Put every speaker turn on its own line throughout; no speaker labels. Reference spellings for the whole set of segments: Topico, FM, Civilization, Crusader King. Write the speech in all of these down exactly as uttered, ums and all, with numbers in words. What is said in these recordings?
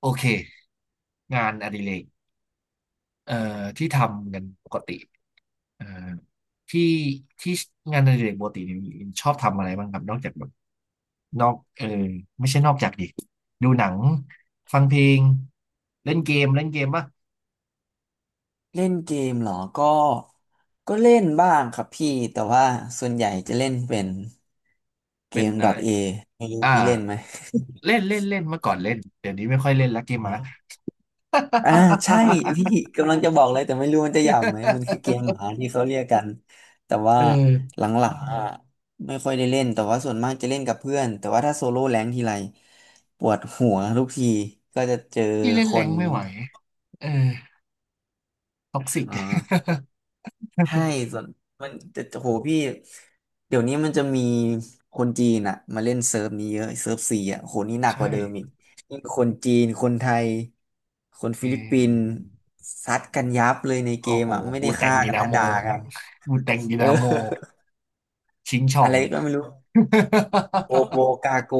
โอเคงานอดิเรกเอ่อที่ทำกันปกติเอ่อที่ที่งานอดิเรกปกติเนี่ยชอบทำอะไรบ้างครับนอกจากแบบนอกเออไม่ใช่นอกจากดิดูหนังฟังเพลงเล่นเกมเล่นเกมป่ะ
เล่นเกมเหรอ ก็ก็เล่นบ้างครับพี่แต่ว่าส่วนใหญ่จะเล่นเป็นเก
เป็น
ม
อะไร
.A ไม่รู้
อ่า
พี่เล่นไหม
เล่นเล่นเล่นเมื่อก่อนเล่นเดี๋ยวนี้ไม่ค่อยเล่นละเกม
อ
หมา
อ อ่าใช่พี่กำลังจะบอกเลยแต่ไม่รู้มันจะหยาบไหมมันคือเกม หมาที่เขาเรียกกันแต่ว่า
เออ
หลังๆอ่ะไม่ค่อยได้เล่นแต่ว่าส่วนมากจะเล่นกับเพื่อนแต่ว่าถ้าโซโล่แรงค์ทีไรปวดหัวทุกทีก็จะเจอ
พี่เล่น
ค
แรง
น
ไม่ไหวเออท็
อ
อกซิก
่ า ใช่ส่วนมันจะโหพี่เดี๋ยวนี้มันจะมีคนจีนอ่ะมาเล่นเซิร์ฟนี้เยอะเซิร์ฟซีอ่ะโหนี่หนักก
ใช่
ว่าเดิมอีกยิ่งคนจีนคนไทยคน
เอ
ฟิลิปปินส์
อ
ซัดกันยับเลยในเก
โอ้
ม
โห
อ่ะไม่
ปู
ได้
แต่ง
ฆ่า
ดิ
กัน
นา
นะ
โม
ด่ากัน
ปูแต่งดิ
เออ
นาโมชิงช่อ
อะ
ง
ไร ก็ไม่รู้โกโบกาโก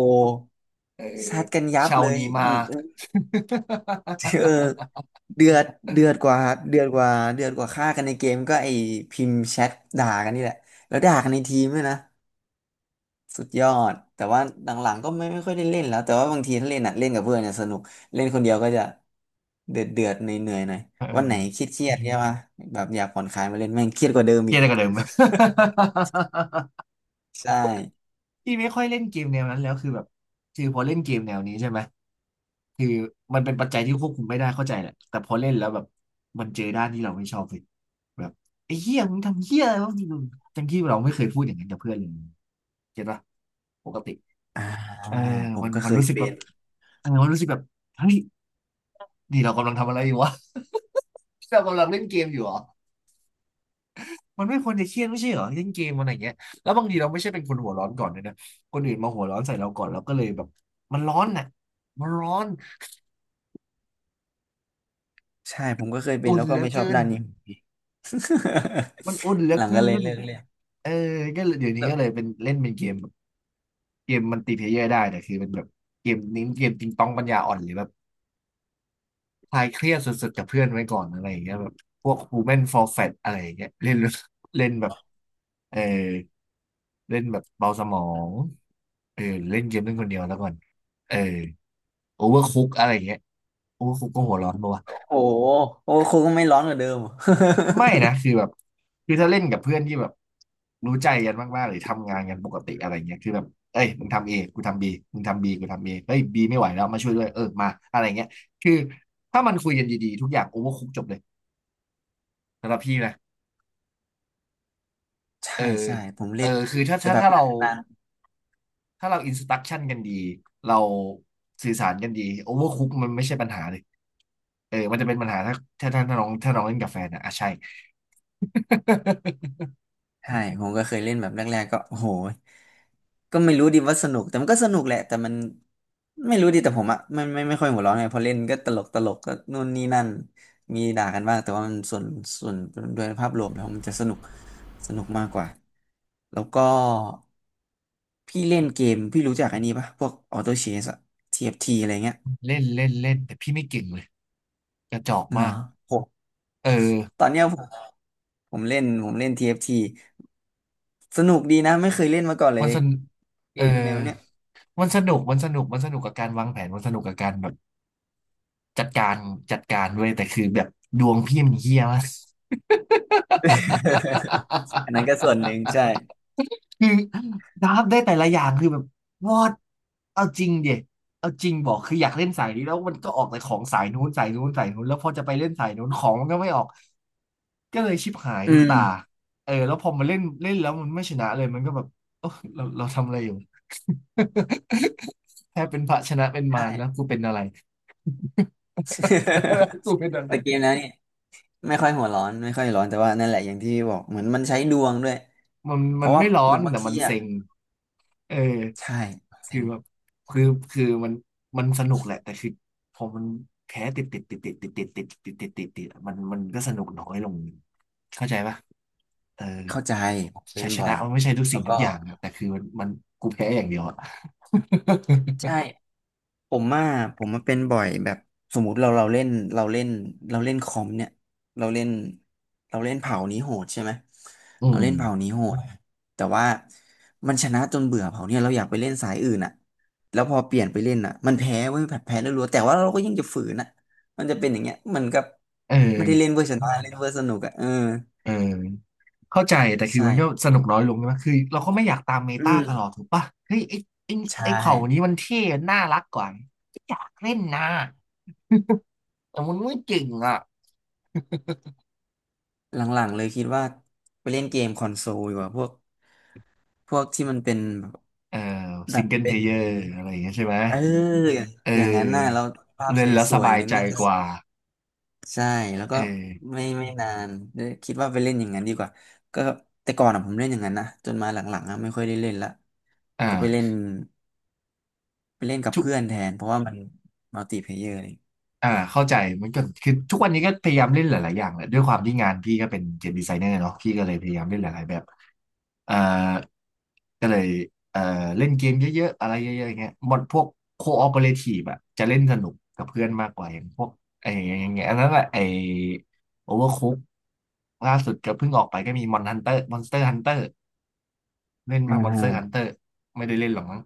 เออ
ซัดกันยับ
เชา
เลย
นีมา
อืม เออเดือดเดือดกว่าเดือดกว่าเดือดกว่าฆ่ากันในเกมก็ไอพิมพ์แชทด่ากันนี่แหละแล้วด่ากันในทีมด้วยนะ สุดยอดแต่ว่าหลังๆก็ไม่ไม่ค่อยได้เล่นแล้วแต่ว่าบางทีถ้าเล่นอ่ะเล่นกับเพื่อนเนี่ยสนุกเล่นคนเดียวก็จะเดือดเดือดเหนื่อยเหนื่อยหน่อย
เ
วันไหน
ออ
เครียดเครียดใช่ปะแบบอยากผ่อนคลายมาเล่นแม่งเครียดกว่าเดิม
เก
อี
ลีย
ก
ดอะไรกันเลยมั้ย
ใช่
พี่ไม่ค่อยเล่นเกมแนวนั้นแล้วคือแบบคือพอเล่นเกมแนวนี้ใช่ไหม คือมันเป็นปัจจัยที่ควบคุมไม่ได้เข้าใจแหละแต่พอเล่นแล้วแบบมันเจอด้านที่เราไม่ชอบเลยแบบไอ้เหี้ยมึงทำเหี้ยอะไรวะมึงอย่างที่เราไม่เคยพูดอย่างนั้นกับเพื่อนเลยเก็ตปะปกติ
อ่า
เออ
ผม
มัน
ก็
มั
เค
น
ย
รู้สึก
เป็
แบบ
น
เออมันรู้สึกแบบเฮ้ยนี่เรากำลังทำอะไรอยู่วะ เรากำลังเล่นเกมอยู่เหรอมันไม่ควรจะเครียดไม่ใช่เหรอเล่นเกมมันอะไรางเงี้ยแล้วบางทีเราไม่ใช่เป็นคนหัวร้อนก่อนด้วยนะคนอื่นมาหัวร้อนใส่เราก่อนเราก็เลยแบบมันร้อนน่ะมันร้อน
ใช่ผมก็เคยเป็น
อุ่น
แล้ว
เห
ก็
ลือ
ไม่ชอบ
เกิน
ด้านนี้
มันอุ่นเหลื
ห
อ
ลัง
เกิ
ก็เลย
น
เลิกเล่น
เออก็เลยเดี๋ยวนี้
แล้ว
ก็เลยเป็นเล่นเป็นเกมแบบเกมมันติเพลเยอร์ได้แต่คือเป็นแบบเกมนี้เกมติงตองปัญญาอ่อนหรือแบบ คลายเครียดสุดๆกับเพื่อนไว้ก่อนอะไรอย่างเงี้ยแบบพวก Human for Fat อะไรอย่างเงี้ยเล่นเล่นแบบเออเล่นแบบเบาสมองเออเล่นเกมเล่นคนเดียวแล้วก่อนเออโอเวอร์คุกอะไรอย่างเงี้ยโอเวอร์คุกก็หัวร้อนปะวะ
โอ้โหโอ้โหครูก็ไม่ร้อนกว่าเดิม
ไม่นะคือแบบคือถ้าเล่นกับเพื่อนที่แบบรู้ใจกันมากๆหรือทำงานกันปกติอะไรเงี้ยคือแบบเอ้ยมึงทำเอกูทำบีมึงทำบีกูทำเอเฮ้ยบีไม่ไหวแล้วมาช่วยด้วยเออมาอะไรเงี้ยคือถ้ามันคุยกันดีๆทุกอย่างโอเวอร์คุกจบเลยสำหรับพี่นะ เออ
ใช่ใช่ผม
เอ
เล่
อ
น
คือถ้า
แต่
ถ้า
แบบ
ถ้าเรา
นาน
ถ้าเราอินสต u ั t ชั่นกันดี เราสื่อสารกันดีโอเวอร์คุกมันไม่ใช่ปัญหาเลยเออ มันจะเป็นปัญหาถ้าถ้าถ้าถ้าน้องถ้าน้องเล่นกับแฟนอะอ่ะใช่
ใช่ผมก็เคยเล่นแบบแรกๆก็โอ้โหก็ไม่รู้ดิว่าสนุกแต่มันก็สนุกแหละแต่มันไม่รู้ดิแต่ผมอะไม่ไม่ไม่ค่อยหัวร้อนไงพอเล่นก็ตลกตลกก็นู่นนี่นั่นมีด่ากันบ้างแต่ว่ามันส่วนส่วนโดยภาพรวมแล้วมันจะสนุกสนุกมากกว่าแล้วก็พี่เล่นเกมพี่รู้จักอันนี้ปะพวกออโต้เชสอะ t ี t อฟทีอะไรเงี้ย
เล่นเล่นเล่นแต่พี่ไม่เก่งเลยกระจอกมา
เนาะ
ก
ผม
เออ
ตอนเนี้ยผมผมเล่นผมเล่น ที เอฟ ที สนุกดีนะไม่เคยเล่นมาก่อนเล
มัน
ย
สน
เก
เออ
มแนวเนี้ย
มันสนุกมันสนุกมันสนุกกับการวางแผนมันสนุกกับการแบบจัดการจัดการด้วยแต่คือแบบดวงพี่มันเฮี้ยมาก
อันนั้นก็ส่วนหนึ่งใช่
คือดับได้แต่ละอย่างคือแบบวอดเอาจริงเด็เอาจริงบอกคืออยากเล่นสายนี้แล้วมันก็ออกแต่ของสายนู้นสายนู้นสายนู้นแล้วพอจะไปเล่นสายนู้นของมันก็ไม่ออกก็เลยชิบหาย
อื
ทุกตา
ม
เออแล้วพอมาเล่นเล่นแล้วมันไม่ชนะเลยมันก็แบบเออเราเราทำอะไรอยู่ แค่เป็นพระชนะเป็นมา
ใช่
รแล้วกูเป็นอะไร กูเป็นอะ ไร
แต่เกมแล้วเนี่ยไม่ค่อยหัวร้อนไม่ค่อยร้อนแต่ว่านั่นแหละอย่างที่บอกเหมือนมันใช้ดวงด้วย
มัน
เพ
มัน
ราะว่า
ไม่ร้อ
มั
น
นบาง
แต่
ที
มัน
อ่ะ
เซ็ง เออ
ใช่
คื
เซ็
อ
ง
แบบคือคือมันมันสนุกแหละแต่คือพอมันแพ้ติดติดติดติดติดติดติดติดติดติดติดมันมันก็สนุกน้อยลงเข้าใจปะเออ
เข้าใจผมเป็
ชั
น
ยช
บ่อ
นะ
ย
มันไม่ใช่ทุกสิ่
แล้
ง
ว
ทุ
ก็
กอย่างนะแต่คือมันมันกูแพ้อย่างเดียวอะ
ใช่ ผมว่าผมมาเป็นบ่อยแบบสมมุติเราเราเล่นเราเล่นเราเล่นคอมเนี่ยเราเล่นเราเล่นเผ่านี้โหดใช่ไหม
อื
เราเล่นเผ่า
ม
นี้โหดแต่ว่ามันชนะจนเบื่อเผ่าเนี่ยเราอยากไปเล่นสายอื่นอ่ะแล้วพอเปลี่ยนไปเล่นอ่ะมันแพ้เว้ยแบบแพ้แล้วรัวแต่ว่าเราก็ยังจะฝืนอ่ะมันจะเป็นอย่างเงี้ยมันก็
เออ
ไม่ได้เล่นเวอร์ชนะ่เล่นเวอร์สนุกอ่ะเออ
เออเข้าใจแต่คือ
ใช่
มันก็สนุกน้อยลงใช่ไหมคือเราก็ไม่อยากตามเม
อื
ตา
ม
ตลอดถูกปะเฮ้ยไอ้ไอ้
ใช่
ไอ้เผ่านี้มันเท่น่ารักกว่าไม่อยากเล่นนะ แต่มันไม่เก่งอ่ะ
หลังๆเลยคิดว่าไปเล่นเกมคอนโซลดีกว่าพวกพวกที่มันเป็น
เออ
แบ
ซิง
บ
เกิลเพ
เป็
ล
น
เยอร์อะไรอย่างเงี้ยใช่ไหม
เออ
เ
อย่างนั้นน่ะ
ออ
เราภาพส
เล่นแล้วส
วยๆอ
บา
ย่า
ย
งนั้
ใจ
นน่าจะ
กว่า
ใช่แล้ว
เอ
ก็
อ
ไม่ไม่นานเอยคิดว่าไปเล่นอย่างนั้นดีกว่าก็แต่ก่อนอ่ะผมเล่นอย่างนั้นนะจนมาหลังๆอ่ะไม่ค่อยได้เล่นละก็ไปเล่
อ่า
นไปเล่นกับ
ทุก
เพื่อนแทนเพราะว่ามันมัลติเพลเยอร์เลย
อ่าเข้าใจมันก็คือทุกวันนี้ก็พยายามเล่นหลายๆอย่างแหละด้วยความที่งานพี่ก็เป็นเกมดีไซเนอร์เนาะพี่ก็เลยพยายามเล่นหลายๆแบบเอ่อก็เลยเอ่อเล่นเกมเยอะๆอะไรเยอะๆอย่างเงี้ยหมดพวกโคออเปเรทีฟอะจะเล่นสนุกกับเพื่อนมากกว่าอย่างพวกไอ้อย่างเงี้ยอันนั้นแหละไอ้โอเวอร์คุกล่าสุดก็เพิ่งออกไปก็มีมอนฮันเตอร์มอนสเตอร์ฮันเตอร์เล่น
อ่
บ้างมอนสเตอร์ฮันเต
า
อร์ไม่ได้เล่นหรอกมั้ง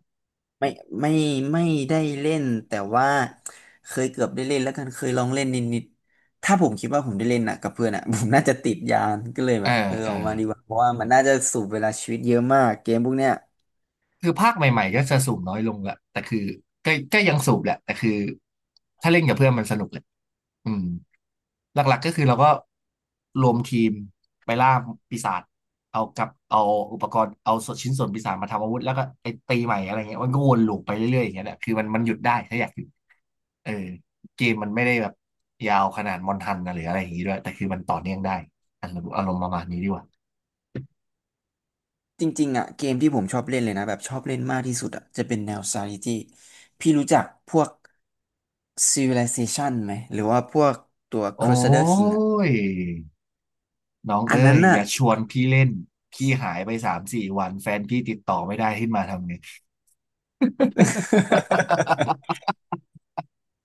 ไม่ไม่ไม่ได้เล่นแต่ว่าเคยเกือบได้เล่นแล้วกันเคยลองเล่นนิดๆถ้าผมคิดว่าผมได้เล่นน่ะกับเพื่อนอ่ะ ผมน่าจะติดยานก็เลย
เอ
แบ
อ
บเออ
เออ
ออกมาดีกว่าเพราะว่ามันน่าจะสูบเวลาชีวิตเยอะมากเกมพวกเนี้ย
คือภาคใหม่ๆก็จะสูบน้อยลงแหละแต่คือก็ก็ยังสูบแหละ แต่คือถ้าเล่นกับเพื่อนมันสนุกแหละอืมหลักๆก็คือเราก็รวมทีมไปล่าปีศาจเอากับเอาอุปกรณ์เอาส่วนชิ้นส่วนปีศาจมาทำอาวุธแล้วก็ไปตีใหม่อะไรเงี้ยมันก็วนลูปไปเรื่อยๆอย่างเงี้ยแหละคือมันมันหยุดได้ถ้าอยากหยุดเออเกมมันไม่ได้แบบยาวขนาดมอนทันนะหรืออะไรอย่างงี้ด้วยแต่คือมันต่อเนื่องได้อารมณ์อารมณ์ประมาณนี้ดีกว่า
จริงๆอ่ะเกมที่ผมชอบเล่นเลยนะแบบชอบเล่นมากที่สุดอ่ะจะเป็นแนว strategy พี่รู้จักพวก Civilization ไหมหรือว่าพวกตัว
โอ้
Crusader King อ่ะ
ย น้อง
อั
เอ้
นนั้
ย
น
อ
น่ะ
ย่าชวนพี่เล่นพี่หายไปสามสี่วันแฟนพี่ติดต่อไม่ได้ขึ้นมาทำไง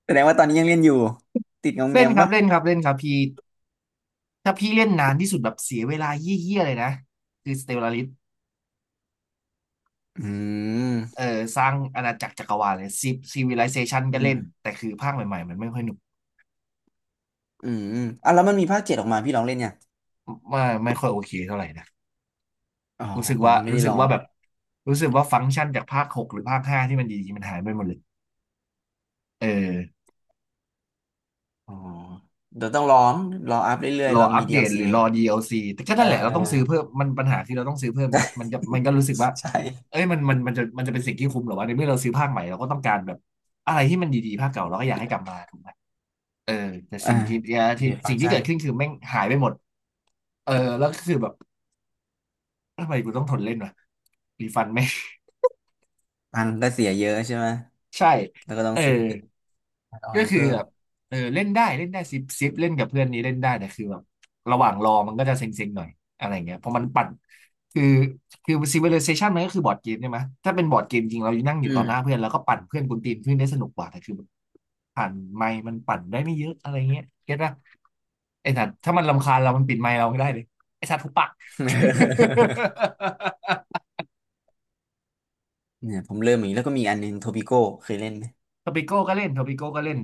แสดงว่าตอนนี้ยังเล่นอยู่ติดงอมแง
เล่น
ม
ครับ
ปะ
เล่นครับเล่นครับพี่ถ้าพี่เล่นนานที่สุดแบบเสียเวลาเยี่ยๆเลยนะคือสเตลลาริส
อื
เอ่อ
ม
สร้างอาณาจักรจักรวาลเลยซีซีวิไลเซชันก็
อื
เล่น
ม
แต่คือภาคใหม่ๆมันไม่ค่อยหนุก
อืมอ่ะแล้วมันมีภาคเจ็ดออกมาพี่ลองเล่นยัง
ไม่ไม่ค่อยโอเคเท่าไหร่นะ
อ๋อ
รู้สึก
ผม
ว่า
ยังไม่
รู้
ได้
สึ
ล
ก
อง
ว่า
เล
แบ
ย
บรู้สึกว่าฟังก์ชันจากภาคหกหรือภาคห้าที่มันดีๆมันหายไปหมดเลยเออ
อ๋อเดี๋ยวต้องลองรออัพเรื่อย
ร
ๆ
อ
เรา
อั
มี
ป
ดี
เด
แอล
ต
ซี
หรือร
ให
อ
ม่
ดี แอล ซี แอลซีแต่ก็
ๆเอ
นั่
อ
นแหละเราต้องซื้อเพิ่มมันปัญหาคือเราต้องซื้อเพิ่มไงมันจะมันก็รู้สึกว่า
ใช่
เอ้ยมันมันมันจะมันจะเป็นสิ่งที่คุ้มเหรอวะในเมื่อเราซื้อภาคใหม่เราก็ต้องการแบบอะไรที่มันดีๆภาคเก่าเราก็อยากให้กลับมาถูกไหมเออแต่
อ่า
สิ่งที่
เบ
ที่
สฟัง
สิ่ง
ก์
ที่
ชั
เกิ
น
ดขึ้นคือแม่งหายไปหมดเออแล้วก็คือแบบทำไมกูต้องทนเล่นวะรีฟันไหมง
ตังค์ก็เสียเยอะใช่ไหม
ใช่
แล้วก็ต้อง
เออ
ซื้อแอดออ
ก็
น
คือ
เพิ่ม
แบบเออเล่นได้เล่นได้ซิปซิปเล่นกับเพื่อนนี้เล่นได้แต่คือแบบระหว่างรอมันก็จะเซ็งๆหน่อยอะไรเงี้ยเพราะมันปั่นคือคือ Civilization มันก็คือบอร์ดเกมใช่ไหมถ้าเป็นบอร์ดเกมจริงเรานั่งอยู่
อื
ต่อหน้า
ม
เพื่อนแล้วก็ปั่นเพื่อนกวนตีนเพื่อนได้สนุกกว่าแต่คือผ่านไมค์มันปั่นได้ไม่เยอะอะไรเงี้ยเก็ตป่ะไอ้สัตว์ถ้ามันรำคาญเรามันปิดไมค์เราไม่ได้เลยไอ้สัตว์ทุบปาก
เนี่ยผมเริ่มอีกแล้วก็มีอันหนึงโทปิโก้เคยเล่นไหม
ทอปิโก้ก็เล่นทอปิโก้ก็เล่น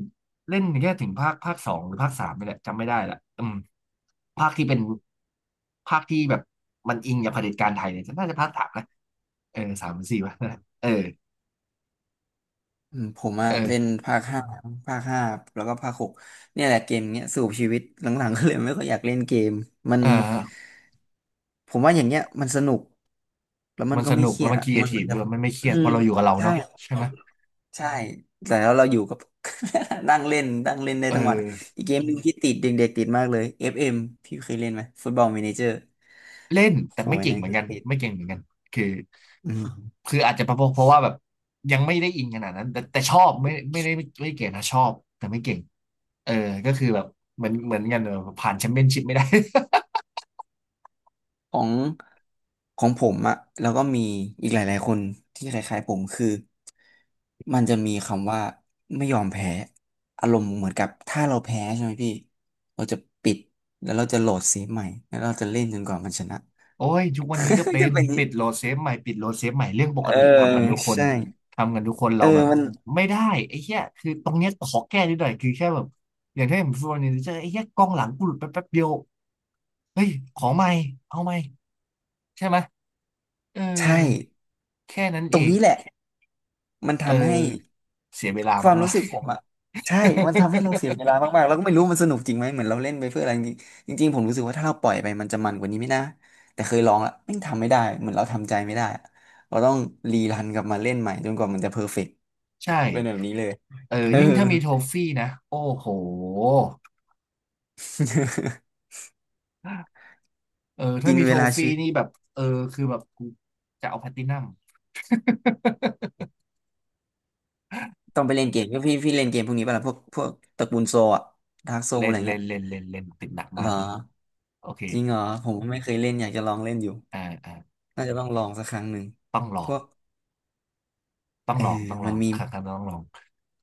เล่นแค่ถึงภาคภาคสองหรือภาคสามนี่แหละจำไม่ได้ละอืมภาคที่เป็นภาคที่แบบมันอิงกับเผด็จการไทยเนี่ยน่าจะภาคสามนะเออสามหรือสี่วะ นั่นแหละเออ
อืมผมอะ
เอ
เล่น
อ
ภาคห้าภาคห้าแล้วก็ภาคหกเนี่ยแหละเกมเนี้ยสูบชีวิตหลังๆก็เลยไม่ค่อยอยากเล่นเกมมัน
อ่า
ผมว่าอย่างเงี้ยมันสนุกแล้วมัน
มัน
ก็
ส
ไม่
นุก
เครี
แล้ว
ยด
มันค
อะ
รีเอ
มันเห
ที
มื
ฟ
อนกั
ด้
บ
วยมันไม่เครี
อื
ยดเพ
ม
ราะเราอยู่กับเรา
ใช่
เนาะใช่ไหม
ใช่แต่แล้วเราอยู่กับ นั่งเล่นนั่งเล่นได้
เออ
ทั้งวันอีกเกมหนึ่งที่ติดเด็กๆติดมากเลย เอฟ เอ็ม พี่เคยเล่นไหมฟุตบอล m ม n นเจอร์
เล่น
โห
แต่ไม่
ย
เก่ง
นะ
เหมือน
ก็
กัน
ติด
ไม่เก่งเหมือนกันคือ
อืม
คืออาจจะเพราะเพราะว่าแบบยังไม่ได้อินขนาดนั้นแต่แต่ชอบไม่ไม่ได้ไม่เก่งนะชอบแต่ไม่เก่งเออก็คือแบบเหมือนเหมือนกันเออผ่านแชมเปี้ยนชิพไม่ได้
ของของผมอะแล้วก็มีอีกหลายๆคนที่คล้ายๆผมคือมันจะมีคำว่าไม่ยอมแพ้อารมณ์เหมือนกับถ้าเราแพ้ใช่ไหมพี่เราจะปิดแล้วเราจะโหลดเซฟใหม่แล้วเราจะเล่นจนกว่ามันชนะ
โอ้ยทุกวันนี้ก็เป็
จะ
น
เป็นอย่าง
ปิดโห
นี้
ลดเซฟใหม่ปิดโหลดเซฟใหม่เรื่องป
เอ
ก
อ
ติทำกันทุกคน
ใช่
ทำกันทุกคน
เอ
เรา
อ
แบบ
มัน
ไม่ได้ไอ้เหี้ยคือตรงเนี้ยขอแก้นิดหน่อยคือแค่แบบอย่างที่ผมพูดวันนี้เจะไอ้เหี้ยกองหลังกูหลุดไปแป๊บเดียวเฮ้ยขอใหม่เอาใหม่ใช่ไหมเออ
ใช่
แค่นั้น
ต
เอ
รง
ง
นี้แหละมัน
เออ
ทำให้
เสียเวลา
ความ
มา
รู้
ก
สึกผ
ๆ
มอะใช่มันทำให้เราเสียเวลามากๆแล้วก็ไม่รู้มันสนุกจริงไหมเหมือนเราเล่นไปเพื่ออะไรจริงจริงๆผมรู้สึกว่าถ้าเราปล่อยไปมันจะมันกว่านี้ไม่นะแต่เคยลองละไม่งทำไม่ได้เหมือนเราทำใจไม่ได้อะเราต้องรีรันกลับมาเล่นใหม่จนกว่ามันจะเพอร์เฟกต์
ใช่
เป็นแบบนี้เลย
เออ
เออ
ยิ่งถ้ามีโทฟี่นะ โอ้โห เออถ้า
กิน
มี
เว
โท
ลา
ฟี่
ชีวิต
นี่แบบเออคือแบบกูจะเอาแพลตตินัม
ต้องไปเล่นเกมก็พี่พี่เล่นเกมพวกนี้ป่ะล่ะพวกพวกตระกูลโซอะากโซอะ
เล่น
ไร
เล่
เงี้ย
นเล่นเล่นเล่นติดหนัก
หร
มา
อ
กเลย โอเค
จริงหรอผมไม่เคยเล่นอยากจะลองเล่นอยู่
อ่าอ่า
น่าจะต้องลองสักครั้งหนึ่ง
ต้องล
พ
อง
วก
ต้อง
เออ
ลองต้องล
มั
อ
น
ง
มี
ค
ม
รั้งหน้าต้องลอง